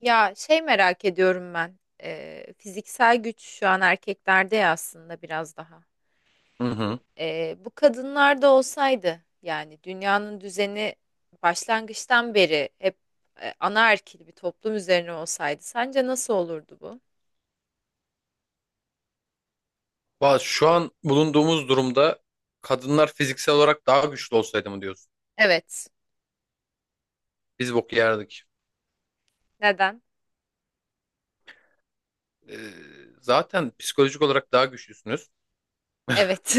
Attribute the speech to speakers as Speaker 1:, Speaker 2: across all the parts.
Speaker 1: Ya şey merak ediyorum ben. Fiziksel güç şu an erkeklerde ya aslında biraz daha.
Speaker 2: Hı hı.
Speaker 1: Bu kadınlarda olsaydı yani dünyanın düzeni başlangıçtan beri hep anaerkil bir toplum üzerine olsaydı sence nasıl olurdu bu?
Speaker 2: Valla şu an bulunduğumuz durumda kadınlar fiziksel olarak daha güçlü olsaydı mı diyorsun?
Speaker 1: Evet.
Speaker 2: Biz bok yerdik.
Speaker 1: Neden?
Speaker 2: Ee, Zaten psikolojik olarak daha güçlüsünüz.
Speaker 1: Evet.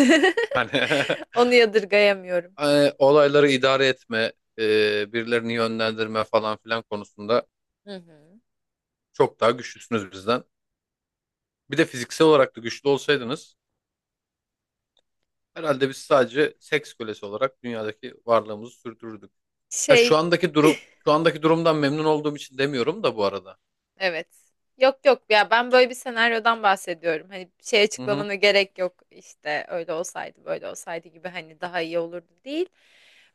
Speaker 2: Hani
Speaker 1: Onu yadırgayamıyorum.
Speaker 2: olayları idare etme, birilerini yönlendirme falan filan konusunda
Speaker 1: Hı hı.
Speaker 2: çok daha güçlüsünüz bizden. Bir de fiziksel olarak da güçlü olsaydınız herhalde biz sadece seks kölesi olarak dünyadaki varlığımızı sürdürürdük. Ha,
Speaker 1: Şey.
Speaker 2: şu andaki durumdan memnun olduğum için demiyorum da bu arada.
Speaker 1: Evet. Yok yok ya, ben böyle bir senaryodan bahsediyorum. Hani bir şey
Speaker 2: Hı hı.
Speaker 1: açıklamana gerek yok, işte öyle olsaydı böyle olsaydı gibi, hani daha iyi olurdu değil.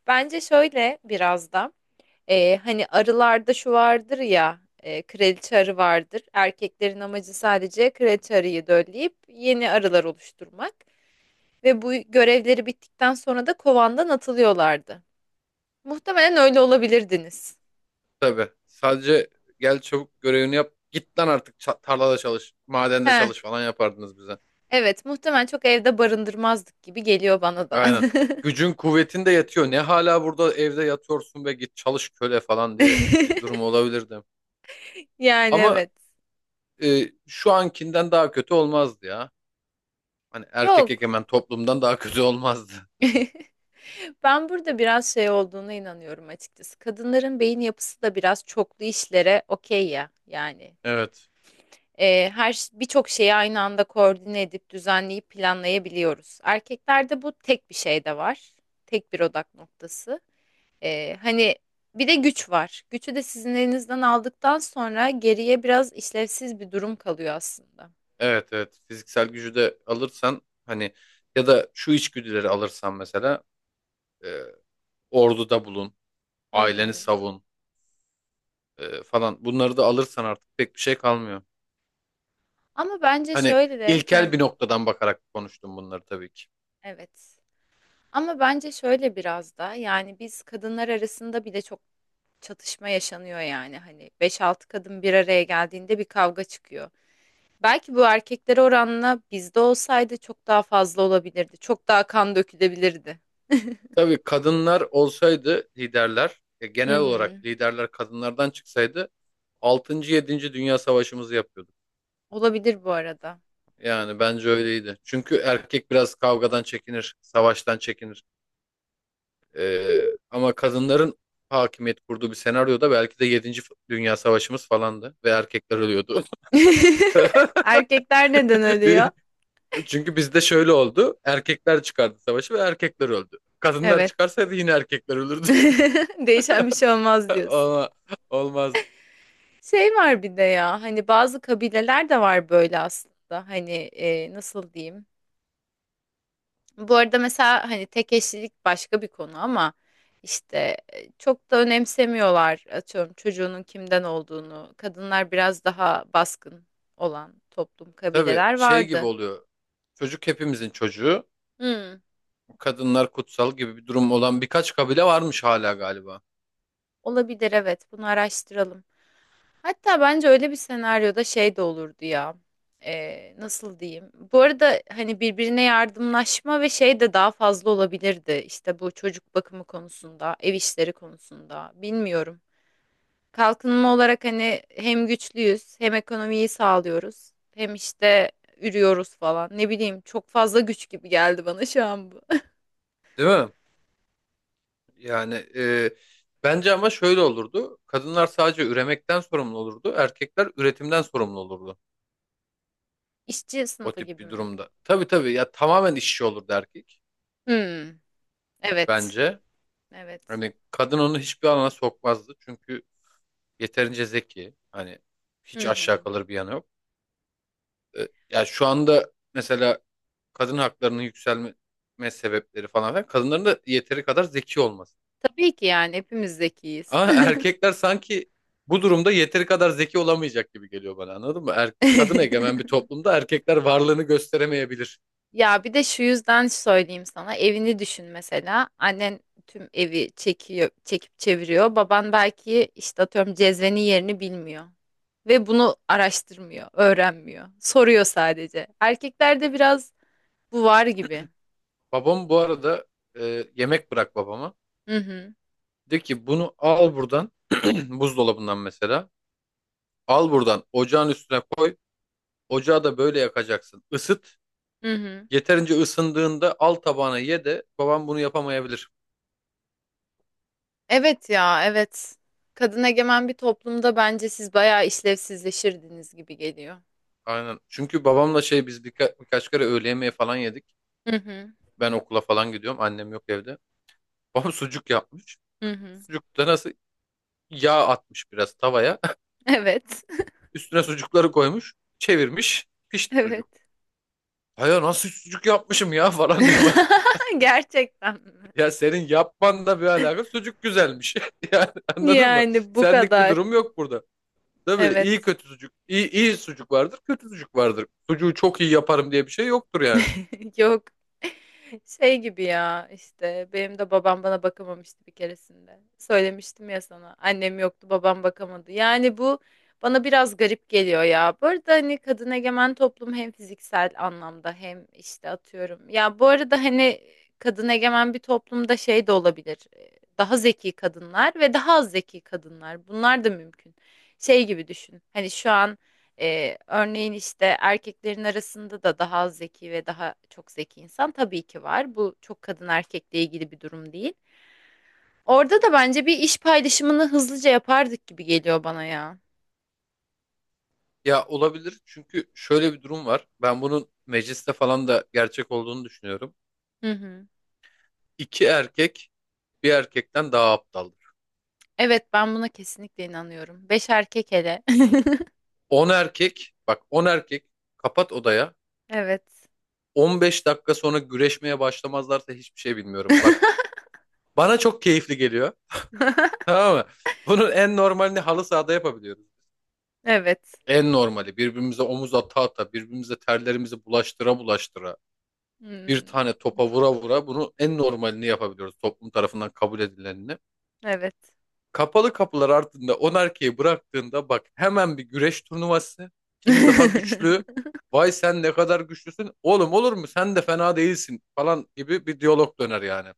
Speaker 1: Bence şöyle biraz da hani arılarda şu vardır ya, kraliçe arı vardır. Erkeklerin amacı sadece kraliçe arıyı dölleyip yeni arılar oluşturmak ve bu görevleri bittikten sonra da kovandan atılıyorlardı. Muhtemelen öyle olabilirdiniz.
Speaker 2: Tabii. Sadece gel çabuk görevini yap. Git lan artık tarlada çalış. Madende
Speaker 1: Heh,
Speaker 2: çalış falan yapardınız bize.
Speaker 1: Evet, muhtemelen çok evde barındırmazdık gibi geliyor bana da.
Speaker 2: Aynen. Gücün kuvvetin de yetiyor. Ne hala burada evde yatıyorsun ve git çalış köle falan diye bir durum olabilirdi.
Speaker 1: Yani
Speaker 2: Ama
Speaker 1: evet.
Speaker 2: şu ankinden daha kötü olmazdı ya. Hani erkek
Speaker 1: Yok.
Speaker 2: egemen toplumdan daha kötü olmazdı.
Speaker 1: Ben burada biraz şey olduğuna inanıyorum açıkçası. Kadınların beyin yapısı da biraz çoklu işlere okey ya. Yani
Speaker 2: Evet.
Speaker 1: birçok şeyi aynı anda koordine edip düzenleyip planlayabiliyoruz. Erkeklerde bu tek bir şey de var. Tek bir odak noktası. Hani bir de güç var. Gücü de sizin elinizden aldıktan sonra geriye biraz işlevsiz bir durum kalıyor aslında.
Speaker 2: Evet evet. Fiziksel gücü de alırsan hani ya da şu içgüdüleri alırsan mesela e, orduda bulun.
Speaker 1: Hı
Speaker 2: Aileni
Speaker 1: hı.
Speaker 2: savun. Falan. Bunları da alırsan artık pek bir şey kalmıyor.
Speaker 1: Ama bence
Speaker 2: Hani
Speaker 1: şöyle de,
Speaker 2: ilkel bir noktadan bakarak konuştum bunları tabii ki.
Speaker 1: evet. Ama bence şöyle biraz da, yani biz kadınlar arasında bile çok çatışma yaşanıyor. Yani hani beş altı kadın bir araya geldiğinde bir kavga çıkıyor. Belki bu erkekler oranla bizde olsaydı çok daha fazla olabilirdi. Çok daha kan dökülebilirdi.
Speaker 2: Tabii kadınlar olsaydı
Speaker 1: Hı
Speaker 2: genel
Speaker 1: hı.
Speaker 2: olarak liderler kadınlardan çıksaydı altıncı yedinci Dünya Savaşımızı yapıyorduk.
Speaker 1: Olabilir bu arada.
Speaker 2: Yani bence öyleydi. Çünkü erkek biraz kavgadan çekinir, savaştan çekinir. E, Ama kadınların hakimiyet kurduğu bir senaryoda belki de yedinci Dünya Savaşımız falandı ve erkekler ölüyordu.
Speaker 1: Erkekler neden ölüyor?
Speaker 2: Bir, Çünkü bizde şöyle oldu. Erkekler çıkardı savaşı ve erkekler öldü. Kadınlar
Speaker 1: Evet.
Speaker 2: çıkarsaydı yine erkekler ölürdü.
Speaker 1: Değişen bir şey olmaz diyorsun.
Speaker 2: Ama olmaz.
Speaker 1: Şey var bir de ya, hani bazı kabileler de var böyle aslında, hani nasıl diyeyim. Bu arada mesela hani tek eşlilik başka bir konu ama işte çok da önemsemiyorlar, atıyorum çocuğunun kimden olduğunu. Kadınlar biraz daha baskın olan toplum
Speaker 2: Tabii
Speaker 1: kabileler
Speaker 2: şey gibi
Speaker 1: vardı.
Speaker 2: oluyor. Çocuk hepimizin çocuğu.
Speaker 1: Hmm.
Speaker 2: Kadınlar kutsal gibi bir durum olan birkaç kabile varmış hala galiba.
Speaker 1: Olabilir, evet, bunu araştıralım. Hatta bence öyle bir senaryoda şey de olurdu ya. Nasıl diyeyim? Bu arada hani birbirine yardımlaşma ve şey de daha fazla olabilirdi. İşte bu çocuk bakımı konusunda, ev işleri konusunda bilmiyorum. Kalkınma olarak hani hem güçlüyüz, hem ekonomiyi sağlıyoruz, hem işte ürüyoruz falan. Ne bileyim, çok fazla güç gibi geldi bana şu an bu.
Speaker 2: Değil mi? Yani bence ama şöyle olurdu. Kadınlar sadece üremekten sorumlu olurdu. Erkekler üretimden sorumlu olurdu.
Speaker 1: İşçi
Speaker 2: O
Speaker 1: sınıfı
Speaker 2: tip
Speaker 1: gibi
Speaker 2: bir
Speaker 1: mi?
Speaker 2: durumda. Tabii tabii ya tamamen işçi olurdu erkek
Speaker 1: Hmm, evet.
Speaker 2: bence.
Speaker 1: Evet.
Speaker 2: Hani kadın onu hiçbir alana sokmazdı. Çünkü yeterince zeki. Hani
Speaker 1: Hı
Speaker 2: hiç
Speaker 1: hı.
Speaker 2: aşağı kalır bir yanı yok. Ya şu anda mesela kadın haklarının yükselme sebepleri falan filan kadınların da yeteri kadar zeki olması.
Speaker 1: Tabii ki yani, hepimiz zekiyiz.
Speaker 2: Ama erkekler sanki bu durumda yeteri kadar zeki olamayacak gibi geliyor bana anladın mı? Kadın egemen bir toplumda erkekler varlığını gösteremeyebilir.
Speaker 1: Ya bir de şu yüzden söyleyeyim sana, evini düşün, mesela annen tüm evi çekiyor, çekip çeviriyor, baban belki işte atıyorum cezvenin yerini bilmiyor ve bunu araştırmıyor, öğrenmiyor, soruyor sadece. Erkeklerde biraz bu var gibi.
Speaker 2: Babam bu arada yemek bırak babama.
Speaker 1: Hı hı,
Speaker 2: De ki bunu al buradan buzdolabından mesela. Al buradan ocağın üstüne koy. Ocağı da böyle yakacaksın. Isıt.
Speaker 1: hı hı.
Speaker 2: Yeterince ısındığında al tabağına ye de babam bunu yapamayabilir.
Speaker 1: Evet ya, evet, kadın egemen bir toplumda bence siz bayağı işlevsizleşirdiniz gibi geliyor.
Speaker 2: Aynen. Çünkü babamla şey biz birkaç kere öğle yemeği falan yedik.
Speaker 1: Hı hı,
Speaker 2: Ben okula falan gidiyorum. Annem yok evde. Babam sucuk yapmış.
Speaker 1: hı hı.
Speaker 2: Sucukta nasıl yağ atmış biraz tavaya.
Speaker 1: Evet,
Speaker 2: Üstüne sucukları koymuş. Çevirmiş. Pişti
Speaker 1: evet.
Speaker 2: sucuk. Hayır nasıl sucuk yapmışım ya falan diyor bana.
Speaker 1: Gerçekten
Speaker 2: Ya senin yapman da bir alaka. Sucuk güzelmiş. Yani
Speaker 1: mi?
Speaker 2: anladın mı?
Speaker 1: Yani bu
Speaker 2: Senlik bir
Speaker 1: kadar.
Speaker 2: durum yok burada. Tabii iyi
Speaker 1: Evet.
Speaker 2: kötü sucuk, iyi, iyi sucuk vardır, kötü sucuk vardır. Sucuğu çok iyi yaparım diye bir şey yoktur yani.
Speaker 1: Yok. Şey gibi ya, işte benim de babam bana bakamamıştı bir keresinde. Söylemiştim ya sana. Annem yoktu, babam bakamadı. Yani bu bana biraz garip geliyor ya. Bu arada hani kadın egemen toplum, hem fiziksel anlamda hem işte atıyorum. Ya bu arada hani kadın egemen bir toplumda şey de olabilir. Daha zeki kadınlar ve daha az zeki kadınlar. Bunlar da mümkün. Şey gibi düşün. Hani şu an örneğin işte erkeklerin arasında da daha az zeki ve daha çok zeki insan tabii ki var. Bu çok kadın erkekle ilgili bir durum değil. Orada da bence bir iş paylaşımını hızlıca yapardık gibi geliyor bana ya.
Speaker 2: Ya olabilir çünkü şöyle bir durum var. Ben bunun mecliste falan da gerçek olduğunu düşünüyorum.
Speaker 1: Hı hı.
Speaker 2: İki erkek bir erkekten daha aptaldır.
Speaker 1: Evet, ben buna kesinlikle inanıyorum. Beş erkek hele.
Speaker 2: 10 erkek, bak 10 erkek kapat odaya.
Speaker 1: Evet.
Speaker 2: 15 dakika sonra güreşmeye başlamazlarsa hiçbir şey bilmiyorum. Bak bana çok keyifli geliyor. Tamam mı? Bunun en normalini halı sahada yapabiliyoruz.
Speaker 1: Evet.
Speaker 2: En normali birbirimize omuz ata ata, birbirimize terlerimizi bulaştıra bulaştıra, bir
Speaker 1: Hmm,
Speaker 2: tane topa vura vura bunu en normalini yapabiliyoruz. Toplum tarafından kabul edilenini.
Speaker 1: evet.
Speaker 2: Kapalı kapılar ardında 10 erkeği bıraktığında bak hemen bir güreş turnuvası. Kim daha güçlü? Vay sen ne kadar güçlüsün. Oğlum olur mu? Sen de fena değilsin falan gibi bir diyalog döner yani.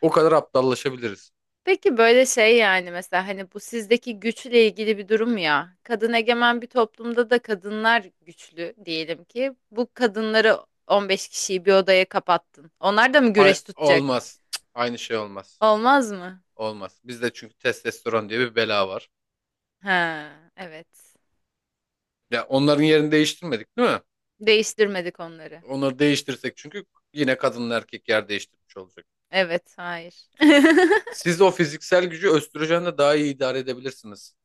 Speaker 2: O kadar aptallaşabiliriz.
Speaker 1: Peki böyle şey, yani mesela hani bu sizdeki güçle ilgili bir durum ya. Kadın egemen bir toplumda da kadınlar güçlü diyelim ki. Bu kadınları, 15 kişiyi bir odaya kapattın. Onlar da mı
Speaker 2: Ay,
Speaker 1: güreş tutacak?
Speaker 2: olmaz. Cık, aynı şey olmaz.
Speaker 1: Olmaz mı?
Speaker 2: Olmaz. Bizde çünkü testosteron diye bir bela var.
Speaker 1: Ha, evet.
Speaker 2: Ya onların yerini değiştirmedik değil mi?
Speaker 1: Değiştirmedik onları.
Speaker 2: Onları değiştirsek çünkü yine kadınla erkek yer değiştirmiş olacak.
Speaker 1: Evet, hayır.
Speaker 2: Siz o fiziksel gücü östrojenle daha iyi idare edebilirsiniz.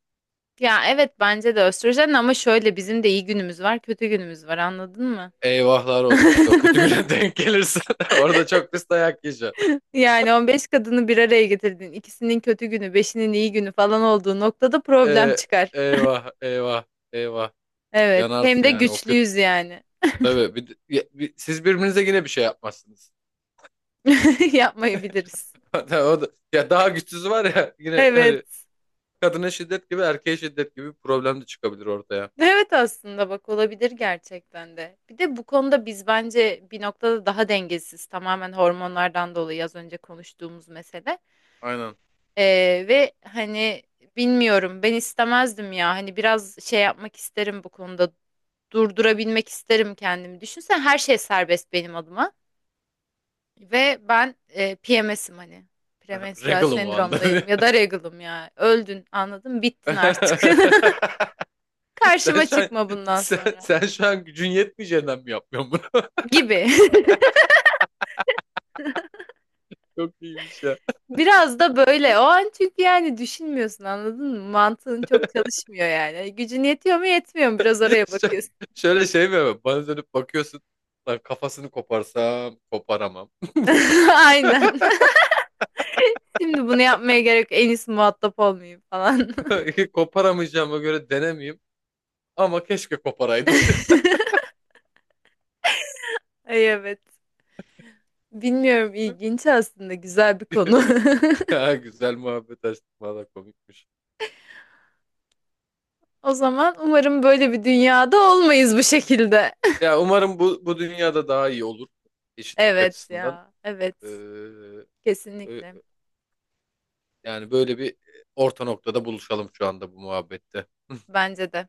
Speaker 1: Ya evet, bence de östrojen, ama şöyle, bizim de iyi günümüz var, kötü günümüz var, anladın mı?
Speaker 2: Eyvahlar olsun işte o kötü güne denk gelirse orada çok pis dayak yiyeceksin.
Speaker 1: Yani 15 kadını bir araya getirdin. İkisinin kötü günü, beşinin iyi günü falan olduğu noktada problem
Speaker 2: Ee,
Speaker 1: çıkar.
Speaker 2: Eyvah eyvah eyvah
Speaker 1: Evet. Hem
Speaker 2: yanarsın
Speaker 1: de
Speaker 2: yani o kötü.
Speaker 1: güçlüyüz yani.
Speaker 2: Tabii siz birbirinize yine bir şey yapmazsınız.
Speaker 1: Yapmayabiliriz.
Speaker 2: Hatta o da, ya daha güçsüz var ya yine hani
Speaker 1: Evet.
Speaker 2: kadına şiddet gibi erkeğe şiddet gibi bir problem de çıkabilir ortaya.
Speaker 1: Evet aslında, bak olabilir gerçekten de. Bir de bu konuda biz bence bir noktada daha dengesiz. Tamamen hormonlardan dolayı, az önce konuştuğumuz mesele.
Speaker 2: Aynen.
Speaker 1: Ve hani, bilmiyorum, ben istemezdim ya. Hani biraz şey yapmak isterim bu konuda. Durdurabilmek isterim kendimi. Düşünsen her şey serbest benim adıma. Ve ben PMS'im hani. Premenstrüel
Speaker 2: Regalım o anda.
Speaker 1: sendromdayım ya da regalım ya. Öldün, anladın, bittin artık.
Speaker 2: Sen
Speaker 1: Karşıma
Speaker 2: şu an
Speaker 1: çıkma bundan
Speaker 2: sen,
Speaker 1: sonra
Speaker 2: sen şu an gücün yetmeyeceğinden mi yapıyorsun?
Speaker 1: gibi.
Speaker 2: Çok iyiymiş ya.
Speaker 1: Biraz da böyle o an, çünkü yani düşünmüyorsun, anladın mı? Mantığın çok çalışmıyor yani. Gücün yetiyor mu yetmiyor mu, biraz oraya
Speaker 2: Şö-
Speaker 1: bakıyorsun.
Speaker 2: Şöyle şey mi? Yapayım? Bana dönüp bakıyorsun. Lan kafasını koparsam koparamam.
Speaker 1: Aynen. Şimdi bunu yapmaya gerek yok. En iyisi muhatap olmayayım falan.
Speaker 2: Koparamayacağıma göre denemeyeyim. Ama keşke koparaydım.
Speaker 1: Ay evet. Bilmiyorum, ilginç aslında, güzel bir konu.
Speaker 2: Ya güzel muhabbet açtık. Valla komikmiş.
Speaker 1: O zaman umarım böyle bir dünyada olmayız bu şekilde.
Speaker 2: Ya umarım bu dünyada daha iyi olur. Eşitlik
Speaker 1: Evet
Speaker 2: açısından.
Speaker 1: ya, evet.
Speaker 2: Ee, e,
Speaker 1: Kesinlikle.
Speaker 2: Yani böyle bir orta noktada buluşalım şu anda bu muhabbette.
Speaker 1: Bence de.